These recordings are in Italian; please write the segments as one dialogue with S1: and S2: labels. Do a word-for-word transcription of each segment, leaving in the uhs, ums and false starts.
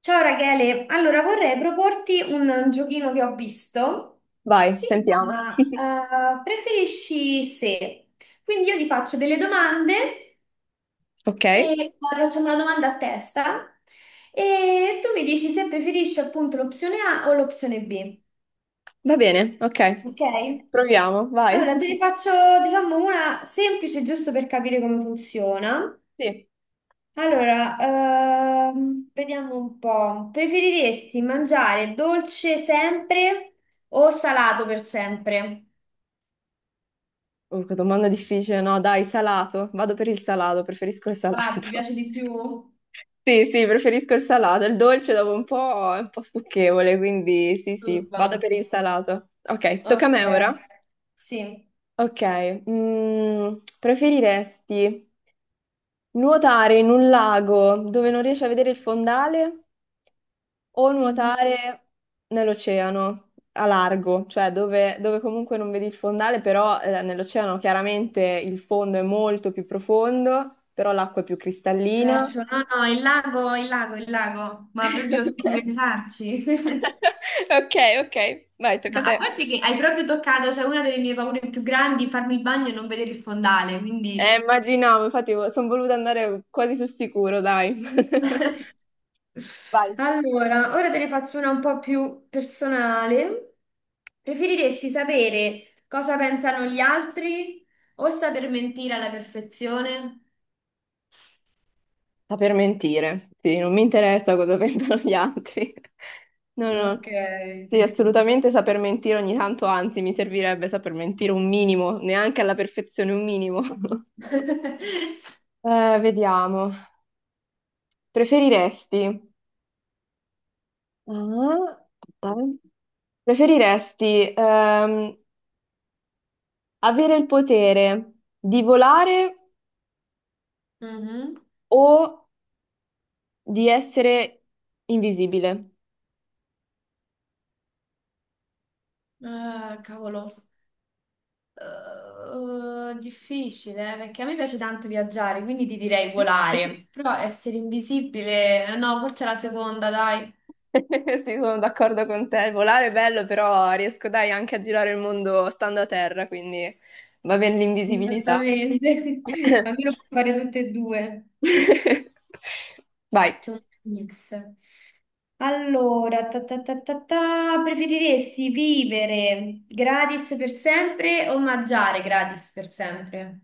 S1: Ciao Rachele, allora vorrei proporti un giochino che ho visto.
S2: Vai,
S1: Si
S2: sentiamo.
S1: chiama eh, Preferisci se. Quindi io ti faccio delle domande
S2: Ok,
S1: e poi facciamo una domanda a testa e tu mi dici se preferisci appunto l'opzione A o l'opzione B.
S2: va bene, ok,
S1: Ok?
S2: proviamo, vai.
S1: Allora te ne faccio diciamo una semplice giusto per capire come funziona.
S2: Sì.
S1: Allora, ehm, vediamo un po'. Preferiresti mangiare dolce sempre o salato per sempre?
S2: Uh, che domanda difficile, no? Dai, salato. Vado per il salato, preferisco il
S1: Salato, ti
S2: salato.
S1: piace di più?
S2: Sì, sì, preferisco il salato. Il dolce dopo un po' è un po' stucchevole, quindi sì, sì, vado
S1: Disturba.
S2: per il salato. Ok, tocca a
S1: Ok,
S2: me ora.
S1: sì.
S2: Ok, mm, preferiresti nuotare in un lago dove non riesci a vedere il fondale o
S1: Mhm.
S2: nuotare nell'oceano a largo, cioè dove, dove comunque non vedi il fondale, però eh, nell'oceano chiaramente il fondo è molto più profondo, però l'acqua è più cristallina.
S1: Certo, no, no, il lago, il lago, il lago, ma proprio senza
S2: Ok.
S1: pensarci.
S2: Ok, ok, vai, tocca
S1: No,
S2: a
S1: a
S2: te.
S1: parte che hai proprio toccato, cioè una delle mie paure più grandi, farmi il bagno e non vedere il fondale,
S2: Eh,
S1: quindi.
S2: immaginavo, infatti sono voluta andare quasi sul sicuro, dai. Vai.
S1: Allora, ora te ne faccio una un po' più personale. Preferiresti sapere cosa pensano gli altri o saper mentire alla perfezione?
S2: Saper mentire, sì, non mi interessa cosa pensano gli altri. No, no,
S1: Ok.
S2: sì, assolutamente saper mentire ogni tanto, anzi, mi servirebbe saper mentire un minimo, neanche alla perfezione un minimo. Eh, vediamo. Preferiresti? Ah, aspetta, eh. Preferiresti ehm, avere il potere di volare
S1: Mhm.
S2: o di essere invisibile?
S1: Ah, cavolo. Eh, difficile, eh, perché a me piace tanto viaggiare, quindi ti direi volare. Però essere invisibile, eh, no, forse la seconda, dai.
S2: Sì, sono d'accordo con te. Volare è bello, però riesco dai anche a girare il mondo stando a terra, quindi va bene l'invisibilità.
S1: Esattamente, almeno puoi fare tutte e due.
S2: Vai.
S1: C'è un mix. Allora, ta ta ta ta ta, preferiresti vivere gratis per sempre o mangiare gratis per sempre?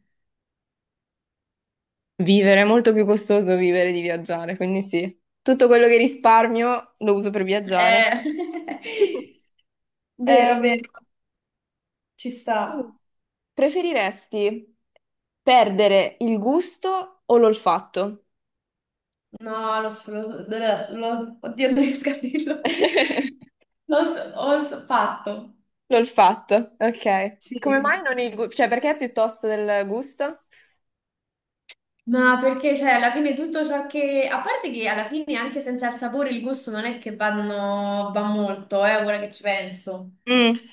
S2: Vivere è molto più costoso vivere di viaggiare, quindi sì. Tutto quello che risparmio lo uso per viaggiare.
S1: Eh,
S2: Eh,
S1: vero, vero, ci sta.
S2: preferiresti perdere il gusto o l'olfatto?
S1: No, lo sfrutto. Oddio, non riesco a dirlo. Lo so, ho fatto.
S2: L'ho fatto, ok. Come mai
S1: Sì.
S2: non il gusto? Cioè, perché piuttosto del gusto?
S1: Ma perché, cioè, alla fine tutto ciò che a parte che alla fine anche senza il sapore il gusto non è che vanno... va molto, eh, ora che ci penso.
S2: Mm,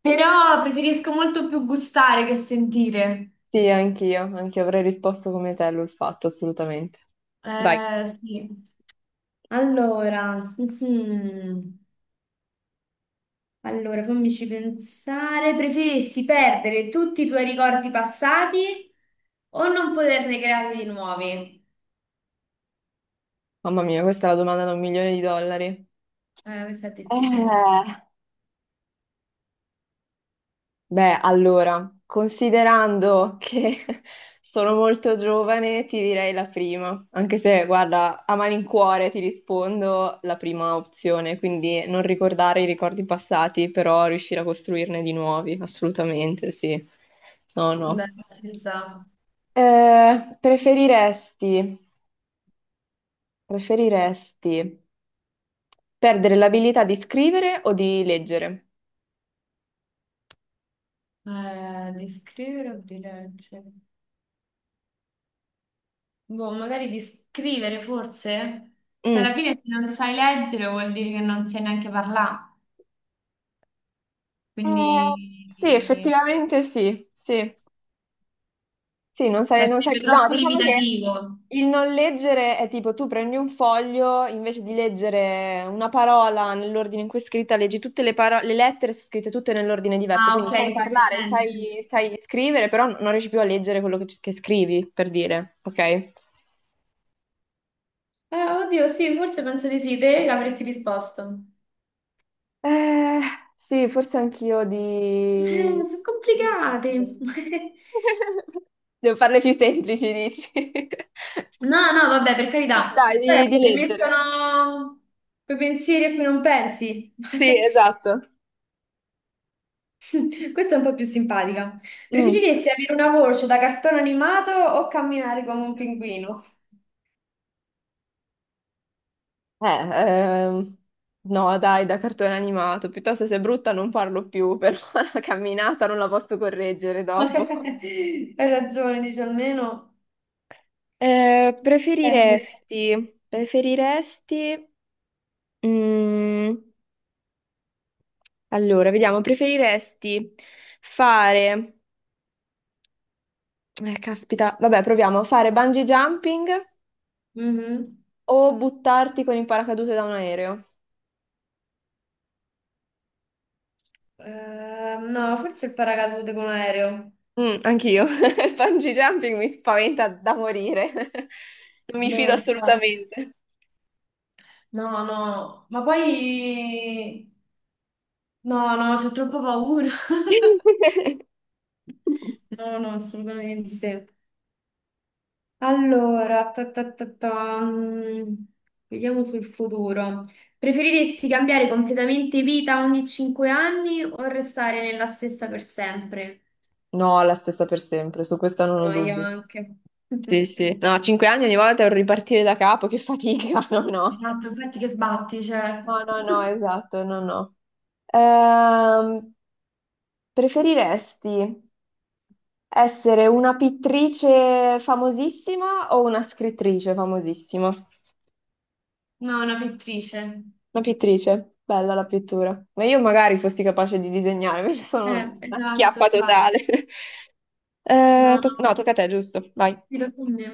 S1: Però preferisco molto più gustare che sentire.
S2: sì, anch'io, anch'io avrei risposto come te, l'ho fatto, assolutamente. Vai.
S1: Eh, sì. Allora, mhm. Allora, fammici pensare. Preferisci perdere tutti i tuoi ricordi passati o non poterne creare di nuovi?
S2: Mamma mia, questa è la domanda da un milione di dollari.
S1: Eh, questa è difficile.
S2: Eh, Beh, allora, considerando che sono molto giovane, ti direi la prima, anche se, guarda, a malincuore ti rispondo la prima opzione, quindi non ricordare i ricordi passati, però riuscire a costruirne di nuovi, assolutamente, sì. No, no.
S1: Dai, ci sta.
S2: Eh, preferiresti, preferiresti perdere l'abilità di scrivere o di leggere?
S1: Eh, di scrivere o di leggere? Boh, magari di scrivere forse? Cioè, alla
S2: Mm.
S1: fine se non sai leggere vuol dire che non sai neanche parlare,
S2: Eh,
S1: quindi
S2: sì,
S1: eh,
S2: effettivamente sì, sì. Sì, non sai,
S1: cioè,
S2: non sai...
S1: sarebbe
S2: No,
S1: troppo
S2: diciamo che
S1: limitativo.
S2: il non leggere è tipo tu prendi un foglio, invece di leggere una parola nell'ordine in cui è scritta, leggi tutte le parole, le lettere sono scritte tutte nell'ordine diverso,
S1: Ah, ok,
S2: quindi sai
S1: in quel
S2: parlare,
S1: senso.
S2: sai, sai scrivere, però non riesci più a leggere quello che, che scrivi, per dire, ok?
S1: Eh, oddio, sì, forse penso di sì, te che avresti risposto.
S2: Eh, sì, forse anch'io di...
S1: Eh, sono
S2: di
S1: complicati.
S2: leggere. Devo farle più semplici, dici?
S1: No, no, vabbè, per
S2: Sì,
S1: carità.
S2: dai,
S1: Eh,
S2: di, di
S1: Ti
S2: leggere.
S1: mettono quei pensieri a cui non pensi.
S2: Sì, esatto.
S1: Questa è un po' più simpatica.
S2: Mm.
S1: Preferiresti avere una voce da cartone animato o camminare come un
S2: Eh,
S1: pinguino?
S2: ehm, no, dai, da cartone animato. Piuttosto se è brutta non parlo più, però la camminata non la posso correggere dopo.
S1: Hai ragione, dice almeno.
S2: Eh,
S1: Eh,
S2: preferiresti, preferiresti, mm, allora, vediamo, preferiresti fare, eh, caspita, vabbè, proviamo. Fare bungee jumping
S1: Mhm.
S2: o buttarti con il paracadute da un aereo?
S1: Eh, no, forse il paracadute con l'aereo.
S2: Mm, anch'io. Il bungee jumping mi spaventa da morire. Non mi
S1: No,
S2: fido
S1: infatti,
S2: assolutamente.
S1: no, no, ma poi no, no, c'ho troppa paura. No, no, assolutamente. Allora, ta ta ta ta, mm, vediamo sul futuro. Preferiresti cambiare completamente vita ogni cinque anni o restare nella stessa per sempre?
S2: No, la stessa per sempre, su questo non ho
S1: No, io
S2: dubbi.
S1: anche.
S2: Sì, sì. No, cinque anni ogni volta è un ripartire da capo, che fatica, no, no.
S1: Esatto, infatti che sbatti, cioè.
S2: No, no, no, esatto, no, no. Ehm, Preferiresti essere una pittrice famosissima o una scrittrice famosissima? Una
S1: No, una pittrice.
S2: pittrice, bella la pittura. Ma io magari fossi capace di disegnare, invece sono
S1: Eh, Esatto,
S2: una
S1: esatto,
S2: schiappa
S1: infatti.
S2: totale.
S1: No,
S2: Eh,
S1: no,
S2: to- no, tocca a te, giusto? Vai.
S1: mi tocca a me.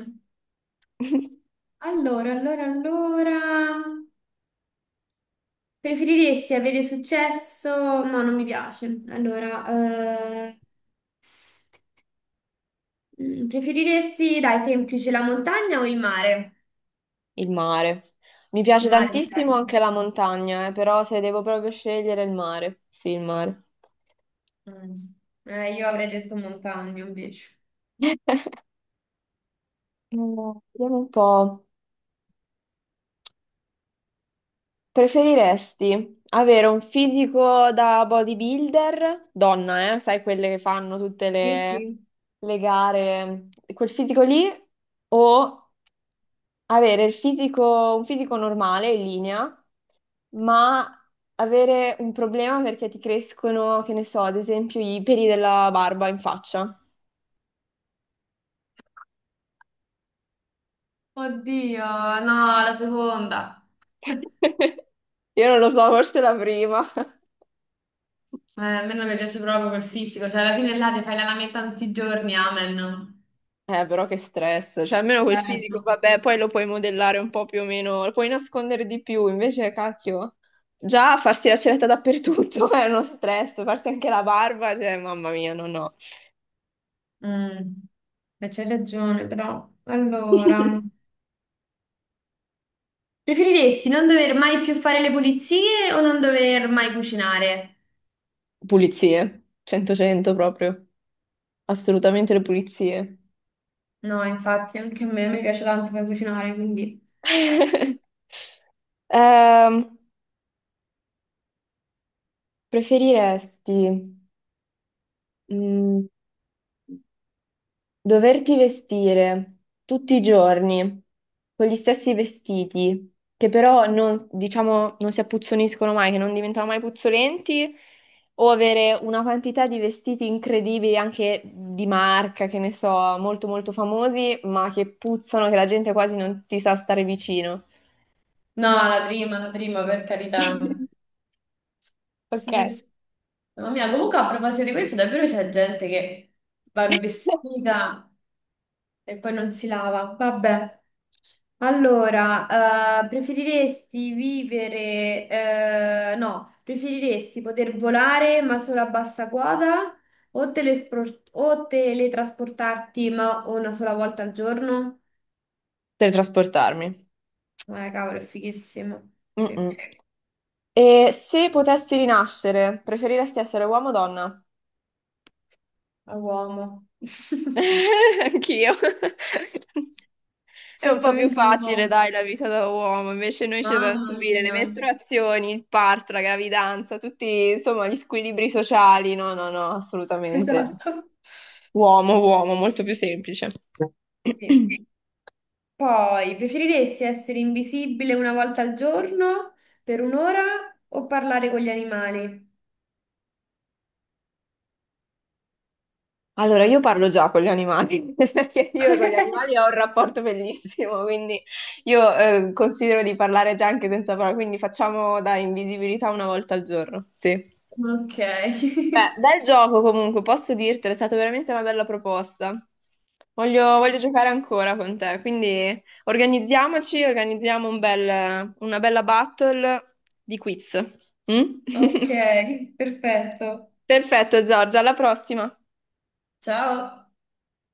S1: Allora, allora, allora. Preferiresti avere successo? No, non mi piace. Allora, eh, Mm, preferiresti, dai, semplice, la montagna o il mare?
S2: Il mare. Mi piace
S1: Il mare mi
S2: tantissimo
S1: piace.
S2: anche la montagna, eh, però se devo proprio scegliere il mare, sì, il mare.
S1: Mm. Eh, io avrei detto montagna invece.
S2: Eh, vediamo un po'. Preferiresti avere un fisico da bodybuilder, donna, eh, sai quelle che fanno tutte
S1: Sì,
S2: le,
S1: sì.
S2: le gare, quel fisico lì, o avere il fisico, un fisico normale in linea, ma avere un problema perché ti crescono, che ne so, ad esempio i peli della barba in faccia.
S1: Oddio, no, la seconda.
S2: Io non lo so, forse la prima.
S1: Eh, a me non mi piace proprio quel fisico, cioè alla fine là ti fai la lametta tutti i giorni, amen.
S2: Eh, però che stress. Cioè, almeno quel
S1: Eh,
S2: fisico,
S1: no.
S2: vabbè, poi lo puoi modellare un po' più o meno, lo puoi nascondere di più, invece, cacchio. Già farsi la ceretta dappertutto è uno stress, farsi anche la barba, cioè, mamma mia, no, no.
S1: Mm. Beh, c'hai ragione, però. Allora, preferiresti non dover mai più fare le pulizie o non dover mai cucinare?
S2: Pulizie, cento cento proprio. Assolutamente le pulizie.
S1: No, infatti anche a me mi piace tanto per cucinare, quindi.
S2: Ehm, Preferiresti mm, doverti vestire tutti i giorni con gli stessi vestiti, che però non, diciamo, non si appuzzoniscono mai, che non diventano mai puzzolenti, o avere una quantità di vestiti incredibili, anche di marca, che ne so, molto molto famosi, ma che puzzano, che la gente quasi non ti sa stare vicino.
S1: No, la prima, la prima, per carità.
S2: Ok.
S1: Sì, sì. Mamma mia, comunque a proposito di questo, davvero c'è gente che va in vestita e poi non si lava. Vabbè. Allora, eh, preferiresti vivere... eh, no, preferiresti poter volare ma solo a bassa quota o, telespor- o teletrasportarti ma una sola volta al giorno?
S2: Teletrasportarmi.
S1: Eh, cavolo, è fighissimo. Sì.
S2: Mm-mm. E se potessi rinascere, preferiresti essere uomo o donna?
S1: A uomo.
S2: Anch'io. È un po' più
S1: Certamente un
S2: facile,
S1: uomo.
S2: dai, la vita da uomo, invece noi ci dobbiamo
S1: Mamma
S2: subire le
S1: mia.
S2: mestruazioni, il parto, la gravidanza, tutti, insomma, gli squilibri sociali. No, no, no, assolutamente.
S1: Esatto.
S2: Uomo, uomo, molto più semplice.
S1: Sì. Poi, preferiresti essere invisibile una volta al giorno per un'ora o parlare con gli animali?
S2: Allora, io parlo già con gli animali, perché io con gli animali ho un rapporto bellissimo, quindi io eh, considero di parlare già anche senza parole, quindi facciamo da invisibilità una volta al giorno. Sì.
S1: Ok.
S2: Beh, bel gioco comunque, posso dirtelo, è stata veramente una bella proposta. Voglio, voglio giocare ancora con te, quindi organizziamoci, organizziamo un bel- una bella battle di quiz. Mm?
S1: Ok, perfetto.
S2: Perfetto, Giorgia, alla prossima.
S1: Ciao.